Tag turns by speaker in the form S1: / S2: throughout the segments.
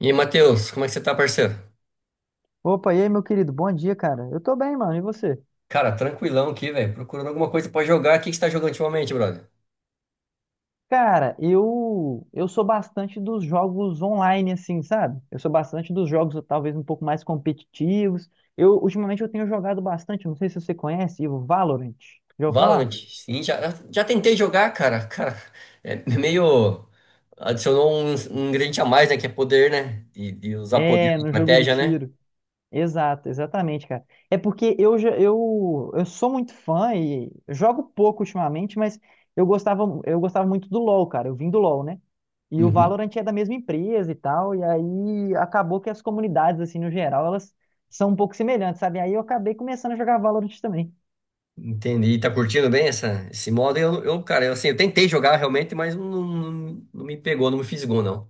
S1: E aí, Matheus, como é que você tá, parceiro?
S2: Opa, e aí, meu querido? Bom dia, cara. Eu tô bem, mano. E você?
S1: Cara, tranquilão aqui, velho. Procurando alguma coisa pra jogar. O que que você tá jogando ultimamente, brother?
S2: Cara, eu sou bastante dos jogos online, assim, sabe? Eu sou bastante dos jogos talvez um pouco mais competitivos. Eu ultimamente eu tenho jogado bastante, não sei se você conhece, o Valorant. Já ouviu
S1: Valorant?
S2: falar?
S1: Sim, já, já tentei jogar, cara. Cara, é meio. Adicionou um ingrediente a mais, né? Que é poder, né? E usar poder
S2: É,
S1: na
S2: no jogo de
S1: estratégia, né?
S2: tiro. Exato, exatamente, cara. É porque eu sou muito fã e eu jogo pouco ultimamente, mas eu gostava muito do LoL, cara. Eu vim do LoL, né? E o
S1: Uhum.
S2: Valorant é da mesma empresa e tal, e aí acabou que as comunidades, assim, no geral, elas são um pouco semelhantes, sabe? Aí eu acabei começando a jogar Valorant também.
S1: Entendi. Tá curtindo bem essa, esse modo? Cara, eu, assim, eu tentei jogar realmente, mas não, não, não me pegou, não me fisgou, não.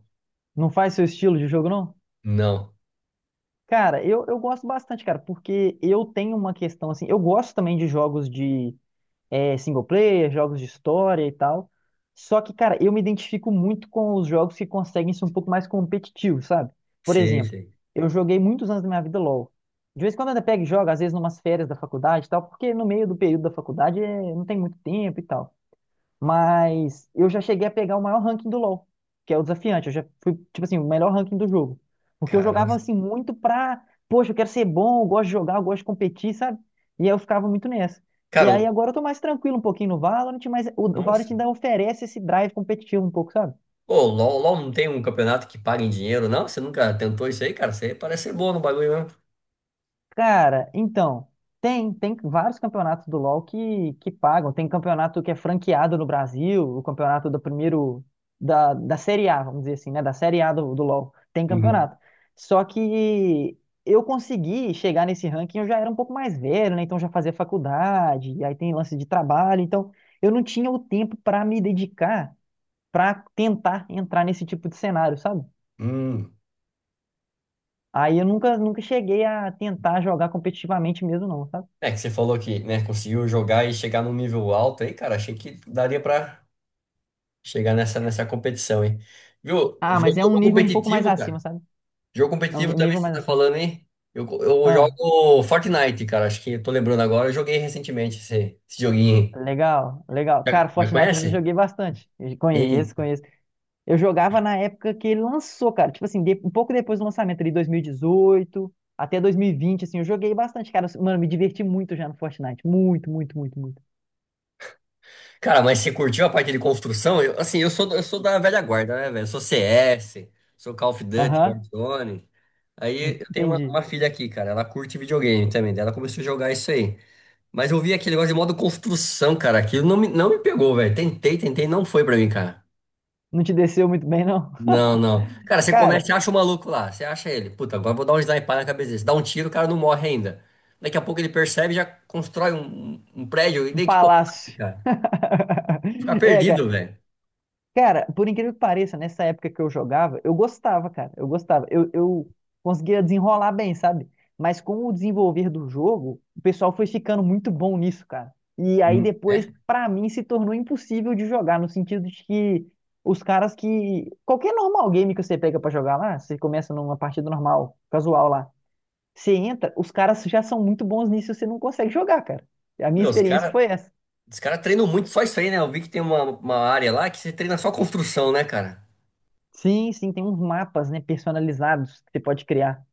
S2: Não faz seu estilo de jogo, não?
S1: Não.
S2: Cara, eu gosto bastante, cara, porque eu tenho uma questão, assim, eu gosto também de jogos de single player, jogos de história e tal. Só que, cara, eu me identifico muito com os jogos que conseguem ser um pouco mais competitivos, sabe? Por
S1: Sei,
S2: exemplo,
S1: sei.
S2: eu joguei muitos anos da minha vida LoL. De vez em quando eu ainda pego e jogo, às vezes numas férias da faculdade e tal, porque no meio do período da faculdade não tem muito tempo e tal. Mas eu já cheguei a pegar o maior ranking do LoL, que é o desafiante. Eu já fui, tipo assim, o melhor ranking do jogo. Porque eu
S1: Caramba.
S2: jogava assim muito pra, poxa, eu quero ser bom, eu gosto de jogar, eu gosto de competir, sabe? E aí eu ficava muito nessa. E
S1: Cara,
S2: aí agora eu tô mais tranquilo um pouquinho no Valorant, mas o Valorant
S1: nossa.
S2: ainda oferece esse drive competitivo um pouco, sabe?
S1: Pô, o LOL, LOL não tem um campeonato que paga em dinheiro, não? Você nunca tentou isso aí, cara? Você parece ser bom no bagulho mesmo.
S2: Cara, então, tem vários campeonatos do LoL que pagam. Tem campeonato que é franqueado no Brasil, o campeonato do primeiro, da Série A, vamos dizer assim, né? Da Série A do LoL. Tem
S1: Uhum.
S2: campeonato. Só que eu consegui chegar nesse ranking, eu já era um pouco mais velho, né? Então já fazia faculdade, e aí tem lance de trabalho. Então eu não tinha o tempo para me dedicar para tentar entrar nesse tipo de cenário, sabe?
S1: Hum.
S2: Aí eu nunca cheguei a tentar jogar competitivamente mesmo, não, sabe?
S1: É que você falou que, né, conseguiu jogar e chegar num nível alto aí, cara. Achei que daria pra chegar nessa, nessa competição, hein? Viu? O
S2: Ah, mas
S1: jogo,
S2: é um
S1: jogo
S2: nível um pouco mais
S1: competitivo,
S2: acima,
S1: cara.
S2: sabe?
S1: Jogo
S2: É
S1: competitivo
S2: um
S1: também
S2: nível
S1: você
S2: mais
S1: tá
S2: acima.
S1: falando, hein? Eu
S2: Ah,
S1: jogo Fortnite, cara. Acho que eu tô lembrando agora. Eu joguei recentemente esse, esse joguinho aí.
S2: legal, legal. Cara,
S1: Já, já
S2: Fortnite eu já
S1: conhece?
S2: joguei bastante. Eu conheço, conheço. Eu jogava na época que ele lançou, cara. Tipo assim, um pouco depois do lançamento, ali 2018 até 2020, assim, eu joguei bastante, cara. Mano, me diverti muito já no Fortnite. Muito, muito, muito, muito.
S1: Cara, mas você curtiu a parte de construção? Assim, eu sou da velha guarda, né, velho? Eu sou CS, sou Call of Duty,
S2: Aham,
S1: Warzone. Aí eu tenho
S2: entendi.
S1: uma filha aqui, cara. Ela curte videogame também. Daí ela começou a jogar isso aí. Mas eu vi aquele negócio de modo construção, cara. Aquilo não me pegou, velho. Tentei, tentei, não foi pra mim, cara.
S2: Não te desceu muito bem, não?
S1: Não, não. Cara, você começa,
S2: Cara,
S1: você acha o maluco lá. Você acha ele. Puta, agora eu vou dar um sniper na cabeça dele. Você dá um tiro, o cara não morre ainda. Daqui a pouco ele percebe, e já constrói um prédio. E
S2: um
S1: daí o que que eu faço,
S2: palácio.
S1: cara? Ficar
S2: É,
S1: perdido,
S2: cara.
S1: velho.
S2: Cara, por incrível que pareça, nessa época que eu jogava, eu gostava, cara. Eu gostava. Eu conseguia desenrolar bem, sabe? Mas com o desenvolver do jogo, o pessoal foi ficando muito bom nisso, cara. E aí depois, pra mim, se tornou impossível de jogar, no sentido de que os caras que. Qualquer normal game que você pega pra jogar lá, você começa numa partida normal, casual lá. Você entra, os caras já são muito bons nisso, você não consegue jogar, cara. A minha
S1: Meu,
S2: experiência foi essa.
S1: os cara treinam muito só isso aí, né? Eu vi que tem uma área lá que você treina só construção, né, cara?
S2: Sim, sim, tem uns mapas, né, personalizados que você pode criar.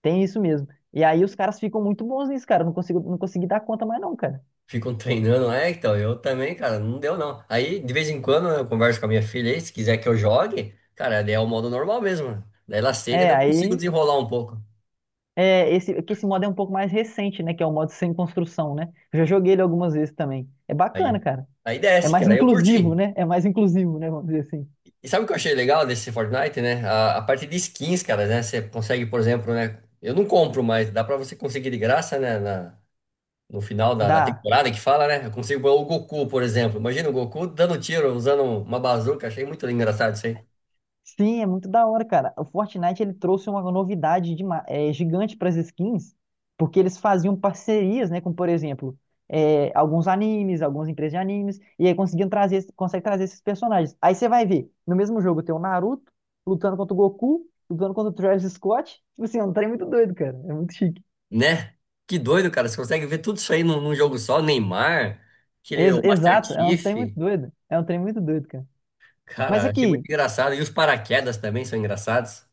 S2: Tem isso mesmo. E aí os caras ficam muito bons nisso, cara. Eu não consigo, não consegui dar conta mais não, cara.
S1: Ficam treinando, é, então, eu também, cara, não deu não. Aí, de vez em quando, eu converso com a minha filha aí, se quiser que eu jogue, cara, daí é o modo normal mesmo, né? Daí ela aceita,
S2: É,
S1: daí eu consigo
S2: aí
S1: desenrolar um pouco.
S2: é esse é que esse modo é um pouco mais recente, né, que é o modo sem construção, né? Eu já joguei ele algumas vezes também. É bacana,
S1: Aí,
S2: cara.
S1: aí
S2: É
S1: desce,
S2: mais
S1: cara, aí eu
S2: inclusivo,
S1: curti.
S2: né? É mais inclusivo, né, vamos dizer assim.
S1: E sabe o que eu achei legal desse Fortnite, né? A parte de skins, cara, né? Você consegue, por exemplo, né? Eu não compro, mas dá pra você conseguir de graça, né? No final da
S2: Dá
S1: temporada que fala, né? Eu consigo pôr o Goku, por exemplo. Imagina o Goku dando tiro, usando uma bazuca. Achei muito engraçado isso aí.
S2: Sim, é muito da hora, cara. O Fortnite ele trouxe uma novidade de, gigante para as skins, porque eles faziam parcerias, né, com, por exemplo, alguns animes, algumas empresas de animes, e aí conseguiam trazer, consegue trazer esses personagens. Aí você vai ver, no mesmo jogo tem o Naruto lutando contra o Goku, lutando contra o Travis Scott. Tipo assim, é um trem muito doido, cara. É muito chique.
S1: Né? Que doido, cara. Você consegue ver tudo isso aí num jogo só. Neymar, aquele,
S2: Ex-
S1: o Master
S2: exato, é um
S1: Chief.
S2: trem muito doido. É um trem muito doido, cara. Mas
S1: Cara, achei muito
S2: aqui,
S1: engraçado. E os paraquedas também são engraçados.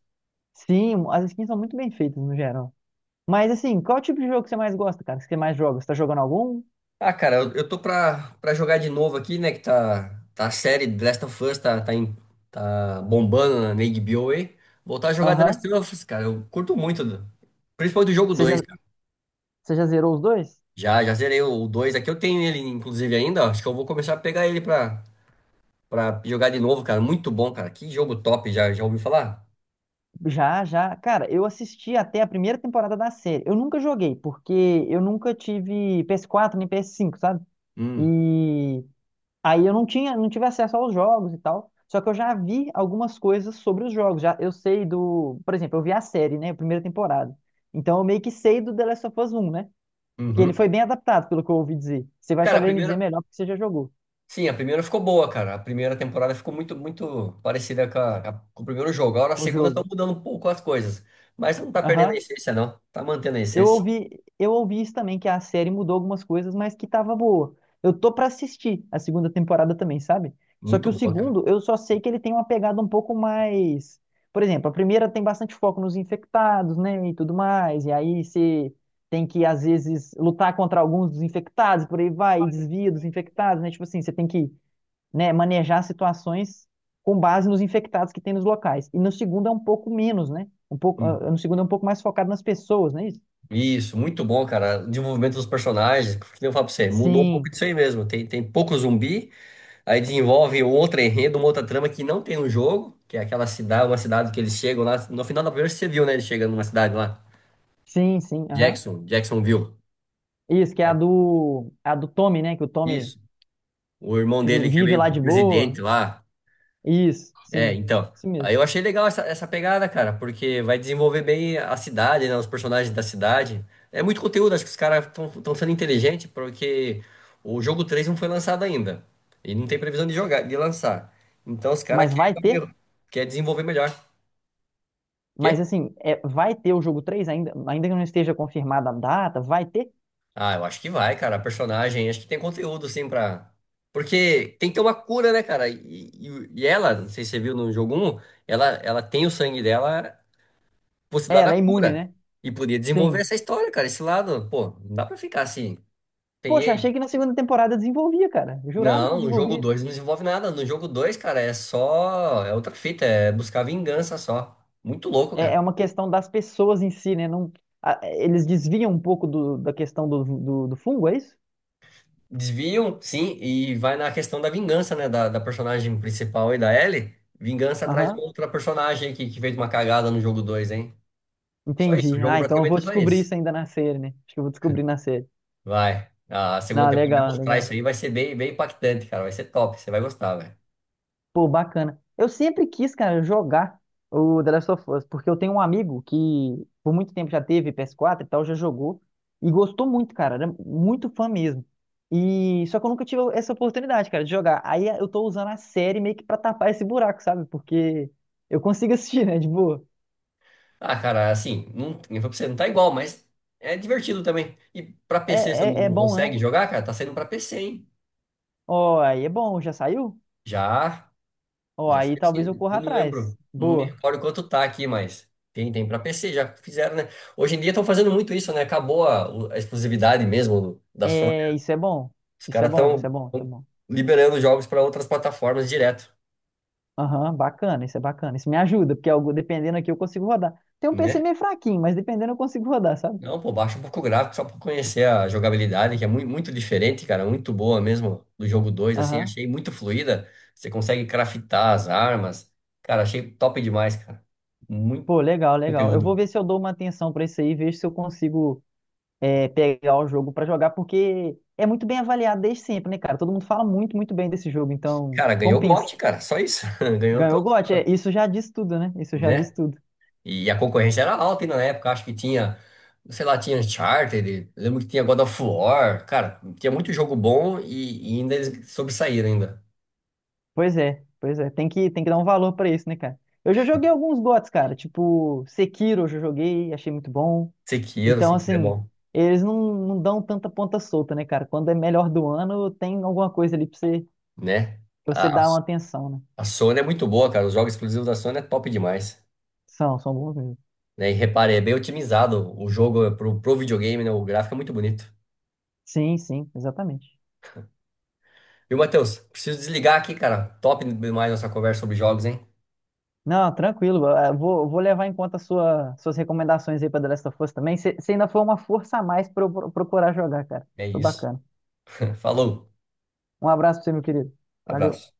S2: sim, as skins são muito bem feitas no geral. Mas assim, qual é o tipo de jogo que você mais gosta, cara? Que você mais joga? Você tá jogando algum?
S1: Ah, cara, eu tô pra, pra jogar de novo aqui, né? Que tá, tá a série The Last of Us, tá bombando na na HBO aí. Voltar a jogar The Last
S2: Aham.
S1: of Us, cara. Eu curto muito, principalmente do jogo
S2: Você já,
S1: dois.
S2: você já zerou os dois?
S1: Já, já zerei o 2 aqui. Eu tenho ele, inclusive, ainda, ó. Acho que eu vou começar a pegar ele pra, pra jogar de novo, cara. Muito bom, cara. Que jogo top. Já, já ouviu falar?
S2: Já, já. Cara, eu assisti até a primeira temporada da série. Eu nunca joguei, porque eu nunca tive PS4 nem PS5, sabe?
S1: Hum.
S2: E aí eu não tinha, não tive acesso aos jogos e tal. Só que eu já vi algumas coisas sobre os jogos. Já, eu sei do, por exemplo, eu vi a série, né? A primeira temporada. Então eu meio que sei do The Last of Us 1, né? Que ele
S1: Uhum.
S2: foi bem adaptado, pelo que eu ouvi dizer. Você vai
S1: Cara, a
S2: saber me
S1: primeira.
S2: dizer melhor porque você já jogou
S1: Sim, a primeira ficou boa, cara. A primeira temporada ficou muito, muito parecida com, com o primeiro jogo. Agora a
S2: o
S1: segunda tá
S2: jogo.
S1: mudando um pouco as coisas. Mas não tá perdendo a
S2: Aham.
S1: essência, não. Tá mantendo a
S2: Eu
S1: essência.
S2: ouvi, eu ouvi isso também, que a série mudou algumas coisas, mas que tava boa. Eu tô pra assistir a segunda temporada também, sabe? Só
S1: Muito
S2: que o
S1: boa, cara.
S2: segundo, eu só sei que ele tem uma pegada um pouco mais. Por exemplo, a primeira tem bastante foco nos infectados, né? E tudo mais. E aí você tem que, às vezes, lutar contra alguns dos infectados, por aí vai, e desvia dos infectados, né? Tipo assim, você tem que, né, manejar situações com base nos infectados que tem nos locais. E no segundo é um pouco menos, né? Um pouco,
S1: Uhum.
S2: ah, no segundo é um pouco mais focado nas pessoas, não é isso?
S1: Isso, muito bom, cara. O desenvolvimento dos personagens. O que nem eu falo pra você? Mudou um pouco
S2: Sim,
S1: disso aí mesmo. Tem, tem pouco zumbi. Aí desenvolve um outro enredo, uma outra trama que não tem no jogo, que é aquela cidade, uma cidade que eles chegam lá. No final da primeira você viu, né? Ele chega numa cidade lá,
S2: sim, sim, aham.
S1: Jackson, Jacksonville.
S2: Isso, que é
S1: Aí-
S2: a do Tommy, né? Que o Tommy
S1: Isso. O irmão dele que é
S2: vive
S1: meio que
S2: lá
S1: o
S2: de boa.
S1: presidente lá.
S2: Isso,
S1: É,
S2: sim,
S1: então.
S2: isso
S1: Aí
S2: mesmo.
S1: eu achei legal essa, essa pegada, cara, porque vai desenvolver bem a cidade, né? Os personagens da cidade. É muito conteúdo, acho que os caras estão sendo inteligentes, porque o jogo 3 não foi lançado ainda. E não tem previsão de jogar, de lançar. Então os caras
S2: Mas vai ter,
S1: querem, querem desenvolver melhor. Quê?
S2: mas assim, é, vai ter o jogo 3 ainda, ainda que não esteja confirmada a data, vai ter.
S1: Ah, eu acho que vai, cara. A personagem, acho que tem conteúdo, sim, pra. Porque tem que ter uma cura, né, cara? E, e ela, não sei se você viu no jogo um, ela tem o sangue dela,
S2: É,
S1: possibilidade da
S2: ela é imune,
S1: cura.
S2: né?
S1: E podia desenvolver
S2: Sim.
S1: essa história, cara. Esse lado, pô, não dá pra ficar assim.
S2: Poxa,
S1: Peguei.
S2: achei que na segunda temporada desenvolvia, cara. Eu jurava que
S1: Não, no jogo
S2: desenvolvia.
S1: 2 não desenvolve nada. No jogo 2, cara, é só. É outra fita, é buscar vingança só. Muito louco,
S2: É, é
S1: cara.
S2: uma questão das pessoas em si, né? Não, eles desviam um pouco da questão do fungo, é isso?
S1: Desviam, sim, e vai na questão da vingança, né? Da personagem principal aí, da Ellie. Vingança atrás de uma
S2: Aham,
S1: outra personagem que fez uma cagada no jogo dois, hein? Só isso, o
S2: entendi.
S1: jogo
S2: Ah, então eu
S1: praticamente
S2: vou
S1: é só
S2: descobrir
S1: isso.
S2: isso ainda na série, né? Acho que eu vou descobrir na série.
S1: Vai. A segunda
S2: Não,
S1: temporada vai
S2: legal,
S1: mostrar
S2: legal.
S1: isso aí, vai ser bem, bem impactante, cara. Vai ser top, você vai gostar, velho.
S2: Pô, bacana. Eu sempre quis, cara, jogar o The Last of Us, porque eu tenho um amigo que por muito tempo já teve PS4 e tal, já jogou e gostou muito, cara, era muito fã mesmo. E só que eu nunca tive essa oportunidade, cara, de jogar. Aí eu tô usando a série meio que pra tapar esse buraco, sabe? Porque eu consigo assistir, né, de boa.
S1: Ah, cara, assim, não, eu falei pra você, não tá igual, mas é divertido também. E pra PC você não
S2: É bom, né?
S1: consegue jogar, cara? Tá saindo pra PC, hein?
S2: Ó, aí é bom, já saiu?
S1: Já.
S2: Ó,
S1: Já foi
S2: aí talvez eu
S1: assim,
S2: corra
S1: eu não lembro,
S2: atrás.
S1: não me
S2: Boa.
S1: recordo quanto tá aqui, mas tem, tem para PC, já fizeram, né? Hoje em dia estão fazendo muito isso, né? Acabou a, a exclusividade mesmo da Sony.
S2: É, isso é bom.
S1: Os
S2: Isso é
S1: caras
S2: bom, isso é
S1: estão
S2: bom, isso é bom.
S1: liberando jogos para outras plataformas direto,
S2: Aham, bacana, isso é bacana. Isso me ajuda, porque algo, dependendo aqui eu consigo rodar. Tem um PC
S1: né?
S2: meio fraquinho, mas dependendo eu consigo rodar, sabe?
S1: Não, pô, baixa um pouco o gráfico só para conhecer a jogabilidade, que é muito, muito diferente, cara, muito boa mesmo do jogo dois, assim,
S2: Aham.
S1: achei muito fluida. Você consegue craftar as armas. Cara, achei top demais, cara. Muito
S2: Pô, legal, legal. Eu
S1: conteúdo.
S2: vou ver se eu dou uma atenção pra isso aí, vejo se eu consigo pegar o jogo pra jogar, porque é muito bem avaliado desde sempre, né, cara? Todo mundo fala muito, muito bem desse jogo, então
S1: Cara, ganhou
S2: compensa.
S1: GOT, cara, só isso. Ganhou,
S2: Ganhou o GOT, é, isso já diz tudo, né? Isso já diz
S1: né?
S2: tudo.
S1: E a concorrência era alta ainda na época, acho que tinha, sei lá, tinha Uncharted, lembro que tinha God of War, cara, tinha muito jogo bom e ainda eles sobressaíram ainda.
S2: Pois é, pois é. Tem que dar um valor pra isso, né, cara? Eu já joguei alguns GOTs, cara. Tipo, Sekiro eu já joguei, achei muito bom.
S1: Sekiro,
S2: Então,
S1: Sekiro é
S2: assim,
S1: bom,
S2: eles não, não dão tanta ponta solta, né, cara? Quando é melhor do ano, tem alguma coisa ali
S1: né?
S2: pra você
S1: A
S2: dar uma atenção, né?
S1: Sony é muito boa, cara, os jogos exclusivos da Sony é top demais,
S2: São, são bons mesmo.
S1: né? E repare, é bem otimizado o jogo pro, pro videogame, né? O gráfico é muito bonito.
S2: Sim, sim, exatamente.
S1: Viu, Matheus? Preciso desligar aqui, cara. Top demais nossa conversa sobre jogos, hein?
S2: Não, tranquilo. Vou levar em conta a suas recomendações aí para The Last of Us também. Você ainda foi uma força a mais para eu procurar jogar, cara.
S1: É
S2: Foi
S1: isso.
S2: bacana.
S1: Falou,
S2: Um abraço para você, meu querido. Valeu.
S1: abraço.